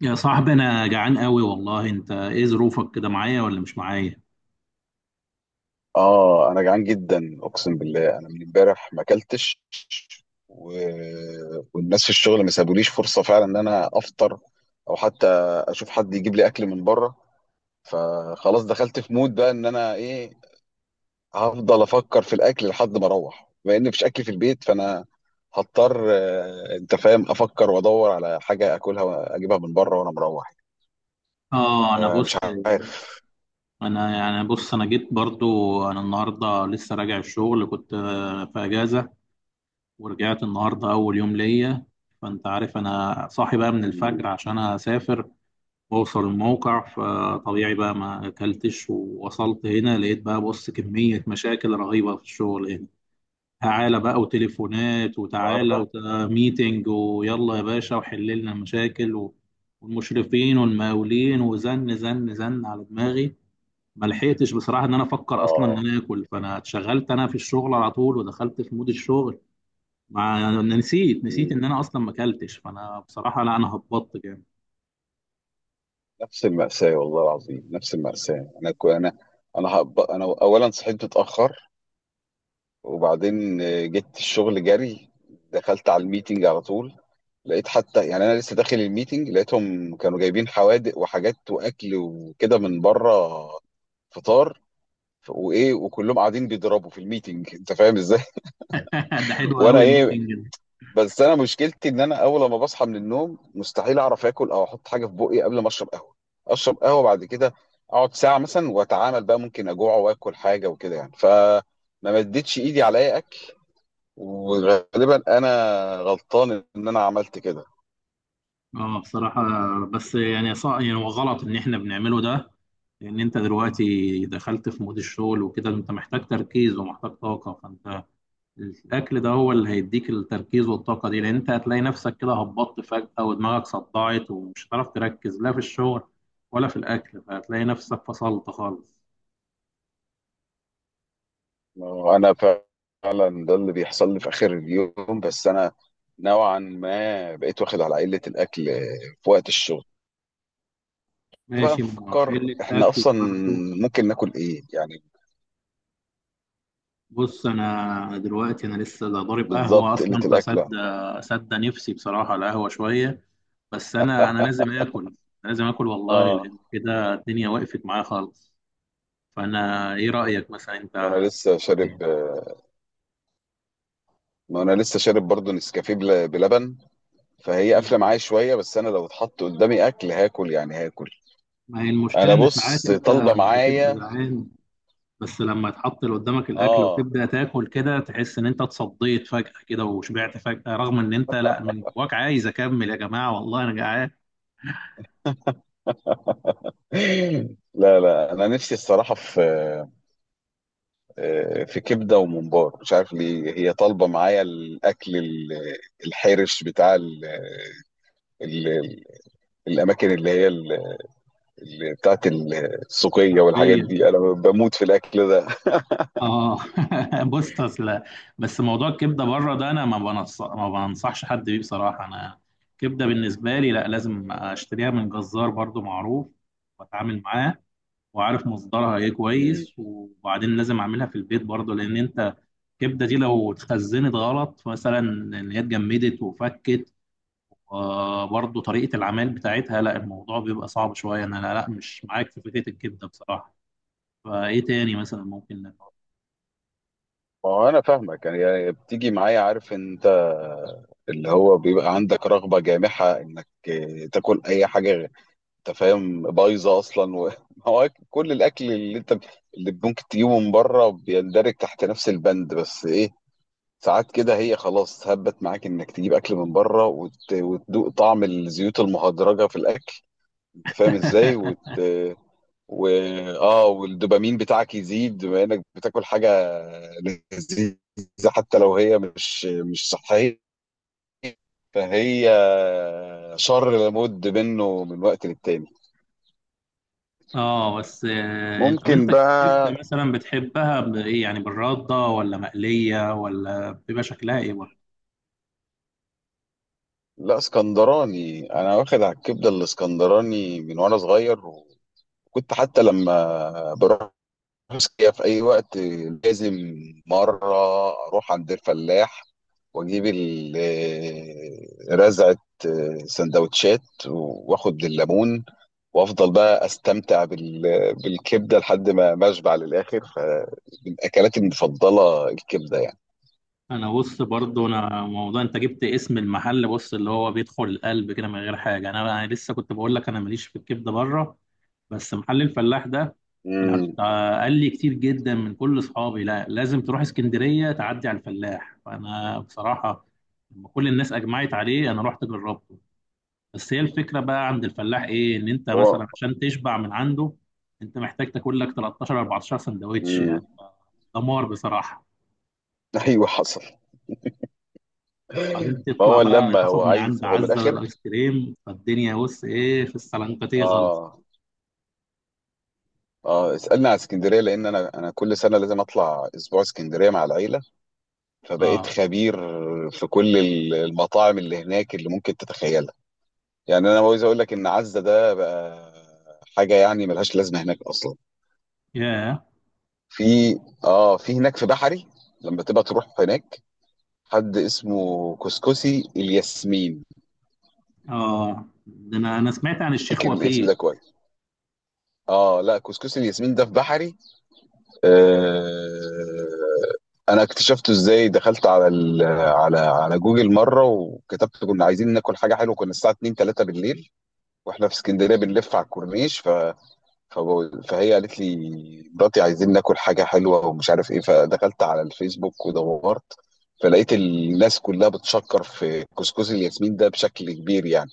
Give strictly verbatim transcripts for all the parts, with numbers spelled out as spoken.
يا صاحبي، انا جعان قوي والله. انت ايه ظروفك كده، معايا ولا مش معايا؟ اه، انا جعان جدا اقسم بالله. انا من امبارح ما اكلتش و... والناس في الشغل ما سابوليش فرصه فعلا ان انا افطر، او حتى اشوف حد يجيب لي اكل من بره. فخلاص دخلت في مود بقى ان انا ايه، هفضل افكر في الاكل لحد ما اروح. بما ان مفيش اكل في البيت فانا هضطر آه، انت فاهم، افكر وادور على حاجه اكلها واجيبها من بره وانا مروح. اه. انا فمش بص، عارف انا يعني بص انا جيت برضو. انا النهارده لسه راجع الشغل، كنت آه، في اجازه، ورجعت النهارده اول يوم ليا. فانت عارف انا صاحي بقى من الفجر النهارده، عشان اسافر واوصل الموقع. فطبيعي بقى ما اكلتش، ووصلت هنا لقيت بقى، بص، كميه مشاكل رهيبه في الشغل هنا. تعالى بقى، وتليفونات، وتعالى، وميتنج، ويلا يا باشا وحل لنا المشاكل و- والمشرفين والمقاولين وزن زن زن على دماغي. ما لحقتش بصراحه ان انا افكر اصلا ان اه، انا اكل، فانا اتشغلت انا في الشغل على طول ودخلت في مود الشغل. مع أنا نسيت نسيت ان انا اصلا ما اكلتش، فانا بصراحه لا انا هبطت جامد. نفس المأساة والله العظيم، نفس المأساة. أنا كو أنا أنا هب... أنا أولا صحيت متأخر، وبعدين آه، جيت الشغل جري، دخلت على الميتنج على طول. لقيت حتى، يعني أنا لسه داخل الميتنج لقيتهم كانوا جايبين حوادق وحاجات وأكل وكده من بره، فطار. ف- وإيه، وكلهم قاعدين بيضربوا في الميتنج، أنت فاهم إزاي. ده حلو وأنا قوي إيه. الميتنج ده. بس انا مشكلتي ان انا اول ما بصحى من النوم مستحيل اعرف اكل او احط حاجه في بقي قبل ما اشرب قهوه. اشرب قهوه بعد كده، اقعد ساعه مثلا واتعامل، بقى ممكن اجوع واكل حاجه وكده يعني. فما مدتش ايدي على اي اكل، وغالبا انا غلطان ان انا عملت كده. اه بصراحه. بس يعني صا يعني هو غلط ان احنا بنعمله ده، لان انت دلوقتي دخلت في مود الشغل وكده، انت محتاج تركيز ومحتاج طاقه. فانت الاكل ده هو اللي هيديك التركيز والطاقه دي، لان انت هتلاقي نفسك كده هبطت فجاه ودماغك صدعت ومش هتعرف تركز، لا في الشغل ولا في الاكل، فهتلاقي نفسك فصلت خالص. انا فعلا ده اللي بيحصل لي في اخر اليوم، بس انا نوعا ما بقيت واخد على قله الاكل في وقت الشغل. بقى ماشي، ما نفكر قله احنا اكل اصلا برضه. ممكن ناكل ايه يعني. بص، انا دلوقتي انا لسه ده ضارب قهوه بالظبط، قله اصلا، الاكل. فسد سد نفسي بصراحه القهوه شويه. بس انا انا لازم اكل. لازم اكل والله، اه، لان كده الدنيا وقفت معايا خالص. فانا ايه رايك مثلا انت؟ وانا لسه هتاكل ايه؟ شارب. ما انا لسه شارب برضه نسكافيه بل- بلبن، فهي قافله مم. معايا شويه، بس انا لو اتحط قدامي اكل هاكل، يعني هاكل. ما هي انا المشكلة إن ساعات بص أنت طالبه بتبقى معايا. جعان، بس لما تحط اللي قدامك الأكل اه. وتبدأ تاكل كده، تحس إن أنت اتصديت فجأة كده وشبعت فجأة، رغم إن أنت لأ، من جواك عايز أكمل. يا جماعة والله أنا جعان لا لا، انا نفسي الصراحه في آه، في كبده وممبار، مش عارف ليه هي طالبه معايا الاكل ال- الحرش بتاع ال ال ال الاماكن اللي هي ال- اللي بتاعت السوقيه والحاجات حرفيا. دي، انا بموت في الاكل آه. بص أصل. بس موضوع الكبدة بره ده أنا ما بنص... ما بنصحش حد بيه بصراحة. أنا كبدة بالنسبة لي، لأ، لازم أشتريها من جزار برضو معروف، وأتعامل معاه، وعارف مصدرها ايه كويس. ده. وبعدين لازم اعملها في البيت برضه، لان انت الكبده دي لو اتخزنت غلط، مثلا ان هي اتجمدت وفكت، وبرضه طريقه العمل بتاعتها، لا الموضوع بيبقى صعب شويه. انا لا, لا مش معاك في فكره الكبده بصراحه. فايه تاني مثلا ممكن نعمل؟ ما هو انا فاهمك، يعني يعني بتيجي معايا، عارف انت، اللي هو بيبقى عندك رغبه جامحه انك تاكل اي حاجه غير- انت فاهم، بايظه اصلا و... ما هو كل الاكل اللي انت، اللي ممكن تجيبه من بره بيندرج تحت نفس البند. بس ايه، ساعات كده هي خلاص هبت معاك انك تجيب اكل من بره وت... وتدوق طعم الزيوت المهدرجه في الاكل، انت فاهم ازاي وت... و اه، والدوبامين بتاعك يزيد بما انك بتاكل حاجه لذيذه، حتى لو هي مش مش صحيه، فهي شر لابد منه من وقت للتاني. اه. بس آه، انت، طب انت ممكن الكبده بقى، مثلا بتحبها بايه؟ يعني بالرده ولا مقليه؟ ولا بيبقى شكلها ايه برضه؟ لا اسكندراني، انا واخد على الكبده الاسكندراني من وانا صغير. وكنت حتى لما بروح اسكندريه في اي وقت لازم مره اروح عند الفلاح واجيب ال- آه، رزعه آه، سندوتشات، واخد الليمون، وافضل بقى استمتع بال- بالكبده لحد ما ما اشبع للاخر. فمن اكلاتي المفضله الكبده يعني. انا بص، برضو انا موضوع انت جبت اسم المحل، بص، اللي هو بيدخل القلب كده من غير حاجه. انا انا لسه كنت بقول لك انا ماليش في الكبده بره، بس محل الفلاح ده، انا امم. ت- قال لي كتير جدا من كل اصحابي: لا لازم تروح اسكندريه تعدي على الفلاح. فانا بصراحه لما كل الناس اجمعت عليه انا رحت جربته. بس هي الفكره بقى عند الفلاح ايه، ان انت هو مثلا عشان تشبع من عنده انت محتاج تاكل لك تلاتاشر اربعة عشر سندوتش امم. يعني. دمار بصراحه. ايوه حصل. وبعدين تطلع فهو بقى لما تاخد هو من عايز، عند هو من عزة الاخر. الايس كريم. فالدنيا بص ايه، في السلنكتيه غلط. اه، اه، اسالني على اسكندريه، لان انا انا كل سنه لازم اطلع اسبوع اسكندريه مع العيله، فبقيت اه. خبير في كل ال- المطاعم اللي هناك اللي ممكن تتخيلها. يعني انا عاوز اقول لك ان عزه ده بقى حاجه يعني ملهاش لازمه هناك اصلا. ياه. في، اه، في هناك في بحري لما تبقى تروح هناك حد اسمه كسكسي الياسمين. اه، ده انا انا سمعت عن الشيخ افتكر الاسم وفيق. ده كويس. اه، لا، كسكسي الياسمين ده في بحري. آه، انا اكتشفته ازاي؟ دخلت على ال... على على جوجل مره وكتبت، كنا عايزين ناكل حاجه حلوه، كنا الساعه اتنين تلاته بالليل واحنا في اسكندريه بنلف على الكورنيش. ف فب- فهي قالت لي، مراتي، عايزين ناكل حاجة حلوة ومش عارف ايه. فدخلت على الفيسبوك ودورت، فلقيت الناس كلها بتشكر في كسكسي الياسمين ده بشكل كبير يعني.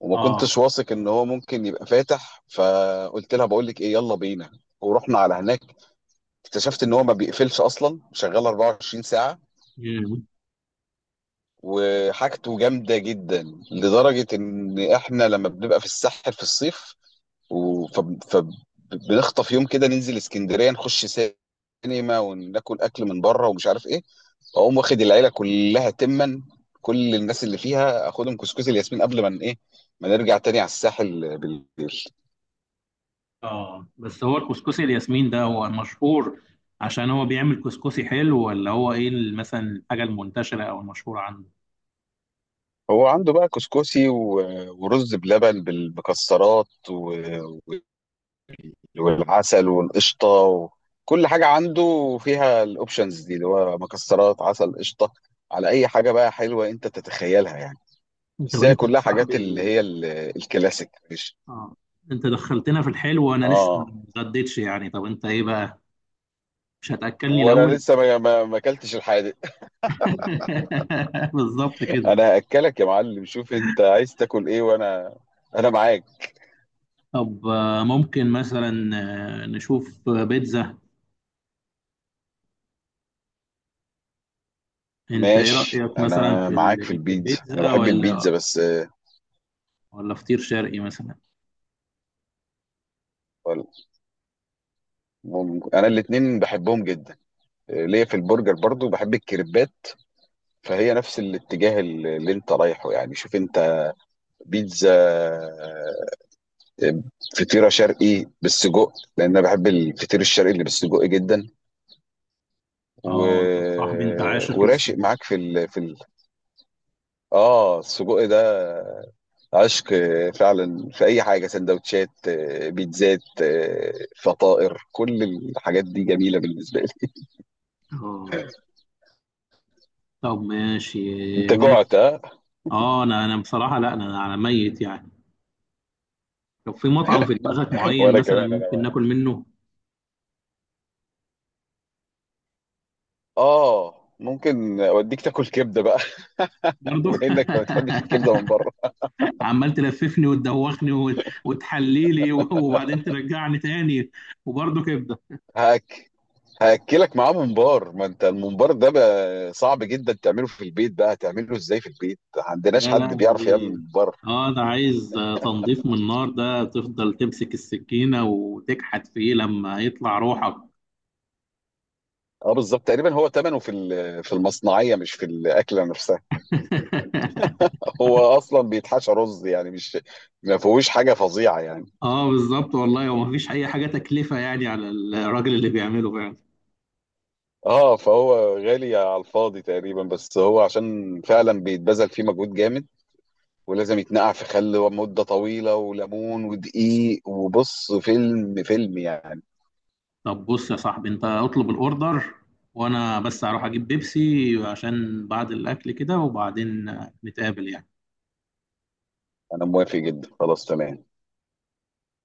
وما اه. كنتش واثق ان هو ممكن يبقى فاتح، فقلت لها بقول لك ايه، يلا بينا. ورحنا على هناك، اكتشفت ان هو ما بيقفلش اصلا، شغال اربعه وعشرين ساعة مم. وحاجته جامدة جدا. لدرجة ان احنا لما بنبقى في الساحل في الصيف و- فب- فبنخطف يوم كده ننزل اسكندريه، نخش سينما وناكل اكل من بره ومش عارف ايه. اقوم واخد العيله كلها تما، كل الناس اللي فيها، اخدهم كسكسي الياسمين قبل ما ن- ايه ما نرجع تاني على الساحل بالليل. اه بس هو الكسكسي الياسمين ده هو مشهور عشان هو بيعمل كسكسي حلو، ولا هو ايه ال- مثلا الحاجه المنتشره او المشهوره عنده؟ هو عنده بقى كسكسي و- ورز بلبن بالمكسرات و- والعسل والقشطه و- كل حاجه عنده فيها الاوبشنز دي، اللي هو مكسرات، عسل، قشطه، على اي حاجه بقى حلوه انت تتخيلها يعني. انت، بس هي وانت يا كلها حاجات صاحبي، اللي هي ال- الكلاسيك، مش. اه انت دخلتنا في الحلو وانا لسه ما اه، اتغديتش يعني. طب انت ايه بقى، مش هتاكلني وانا الاول؟ لسه ما ما ما اكلتش الحادق. بالظبط كده. انا هاكلك يا معلم، شوف انت عايز تاكل ايه وانا، انا معاك. طب آه، ممكن مثلا آه، نشوف آه، بيتزا. انت ايه ماشي، رأيك مثلا انا في ال... معاك في انت البيتزا، انا بيتزا بحب ولا، البيتزا بس آه، ولا فطير شرقي مثلا؟ وال- مم- انا الاتنين بحبهم جدا. آه، ليا في البرجر، برضو بحب الكريبات، فهي نفس الاتجاه اللي اللي انت رايحه يعني. شوف انت، بيتزا، آه، فطيرة شرقي بالسجق، لان انا بحب الفطير الشرقي اللي بالسجق جدا. و... اه انت صاحبي، انت عاشق وراشق للسجق. معاك في ال... في ال... اه، السجق ده عشق فعلا. في اي حاجه، سندوتشات، آه، بيتزات، آه، فطائر، كل الحاجات دي جميله بالنسبه لي. اه. طب ماشي. انت ماشي. جعت ها. اه انا انا بصراحة لا، انا انا ميت يعني. طب في مطعم في دماغك معين وانا مثلا كمان، انا ممكن ناكل معاك. منه؟ اه، ممكن اوديك تاكل كبده بقى، برضه. بما انك ما بتحبش الكبده من بره. عمال تلففني وتدوخني وتحليلي وبعدين ترجعني تاني وبرضه كبدة. هاك، هاكلك معاه ممبار. ما انت الممبار ده بقى صعب جدا تعمله في البيت. بقى تعمله ازاي في البيت؟ ما عندناش يا حد بيعرف يعمل لهوي. ممبار. اه ده عايز تنظيف من النار، ده تفضل تمسك السكينة وتكحت فيه لما يطلع روحك. اه، بالظبط تقريبا، هو ثمنه في ال- في المصنعيه مش في الاكله نفسها. هو اصلا بيتحشى رز يعني، مش، ما فيهوش حاجه فظيعه يعني. اه بالظبط والله، ومفيش اي حاجة تكلفة يعني على الراجل اللي بيعمله فعلا. اه، فهو غالي على الفاضي تقريبا، بس هو عشان فعلا بيتبذل فيه مجهود جامد، ولازم يتنقع في خل مده طويله وليمون ودقيق، وبص فيلم فيلم يعني. طب بص يا صاحبي، انت اطلب الاوردر، وانا بس هروح اجيب بيبسي عشان بعد الاكل كده، وبعدين نتقابل يعني. انا موافق جدا، خلاص تمام.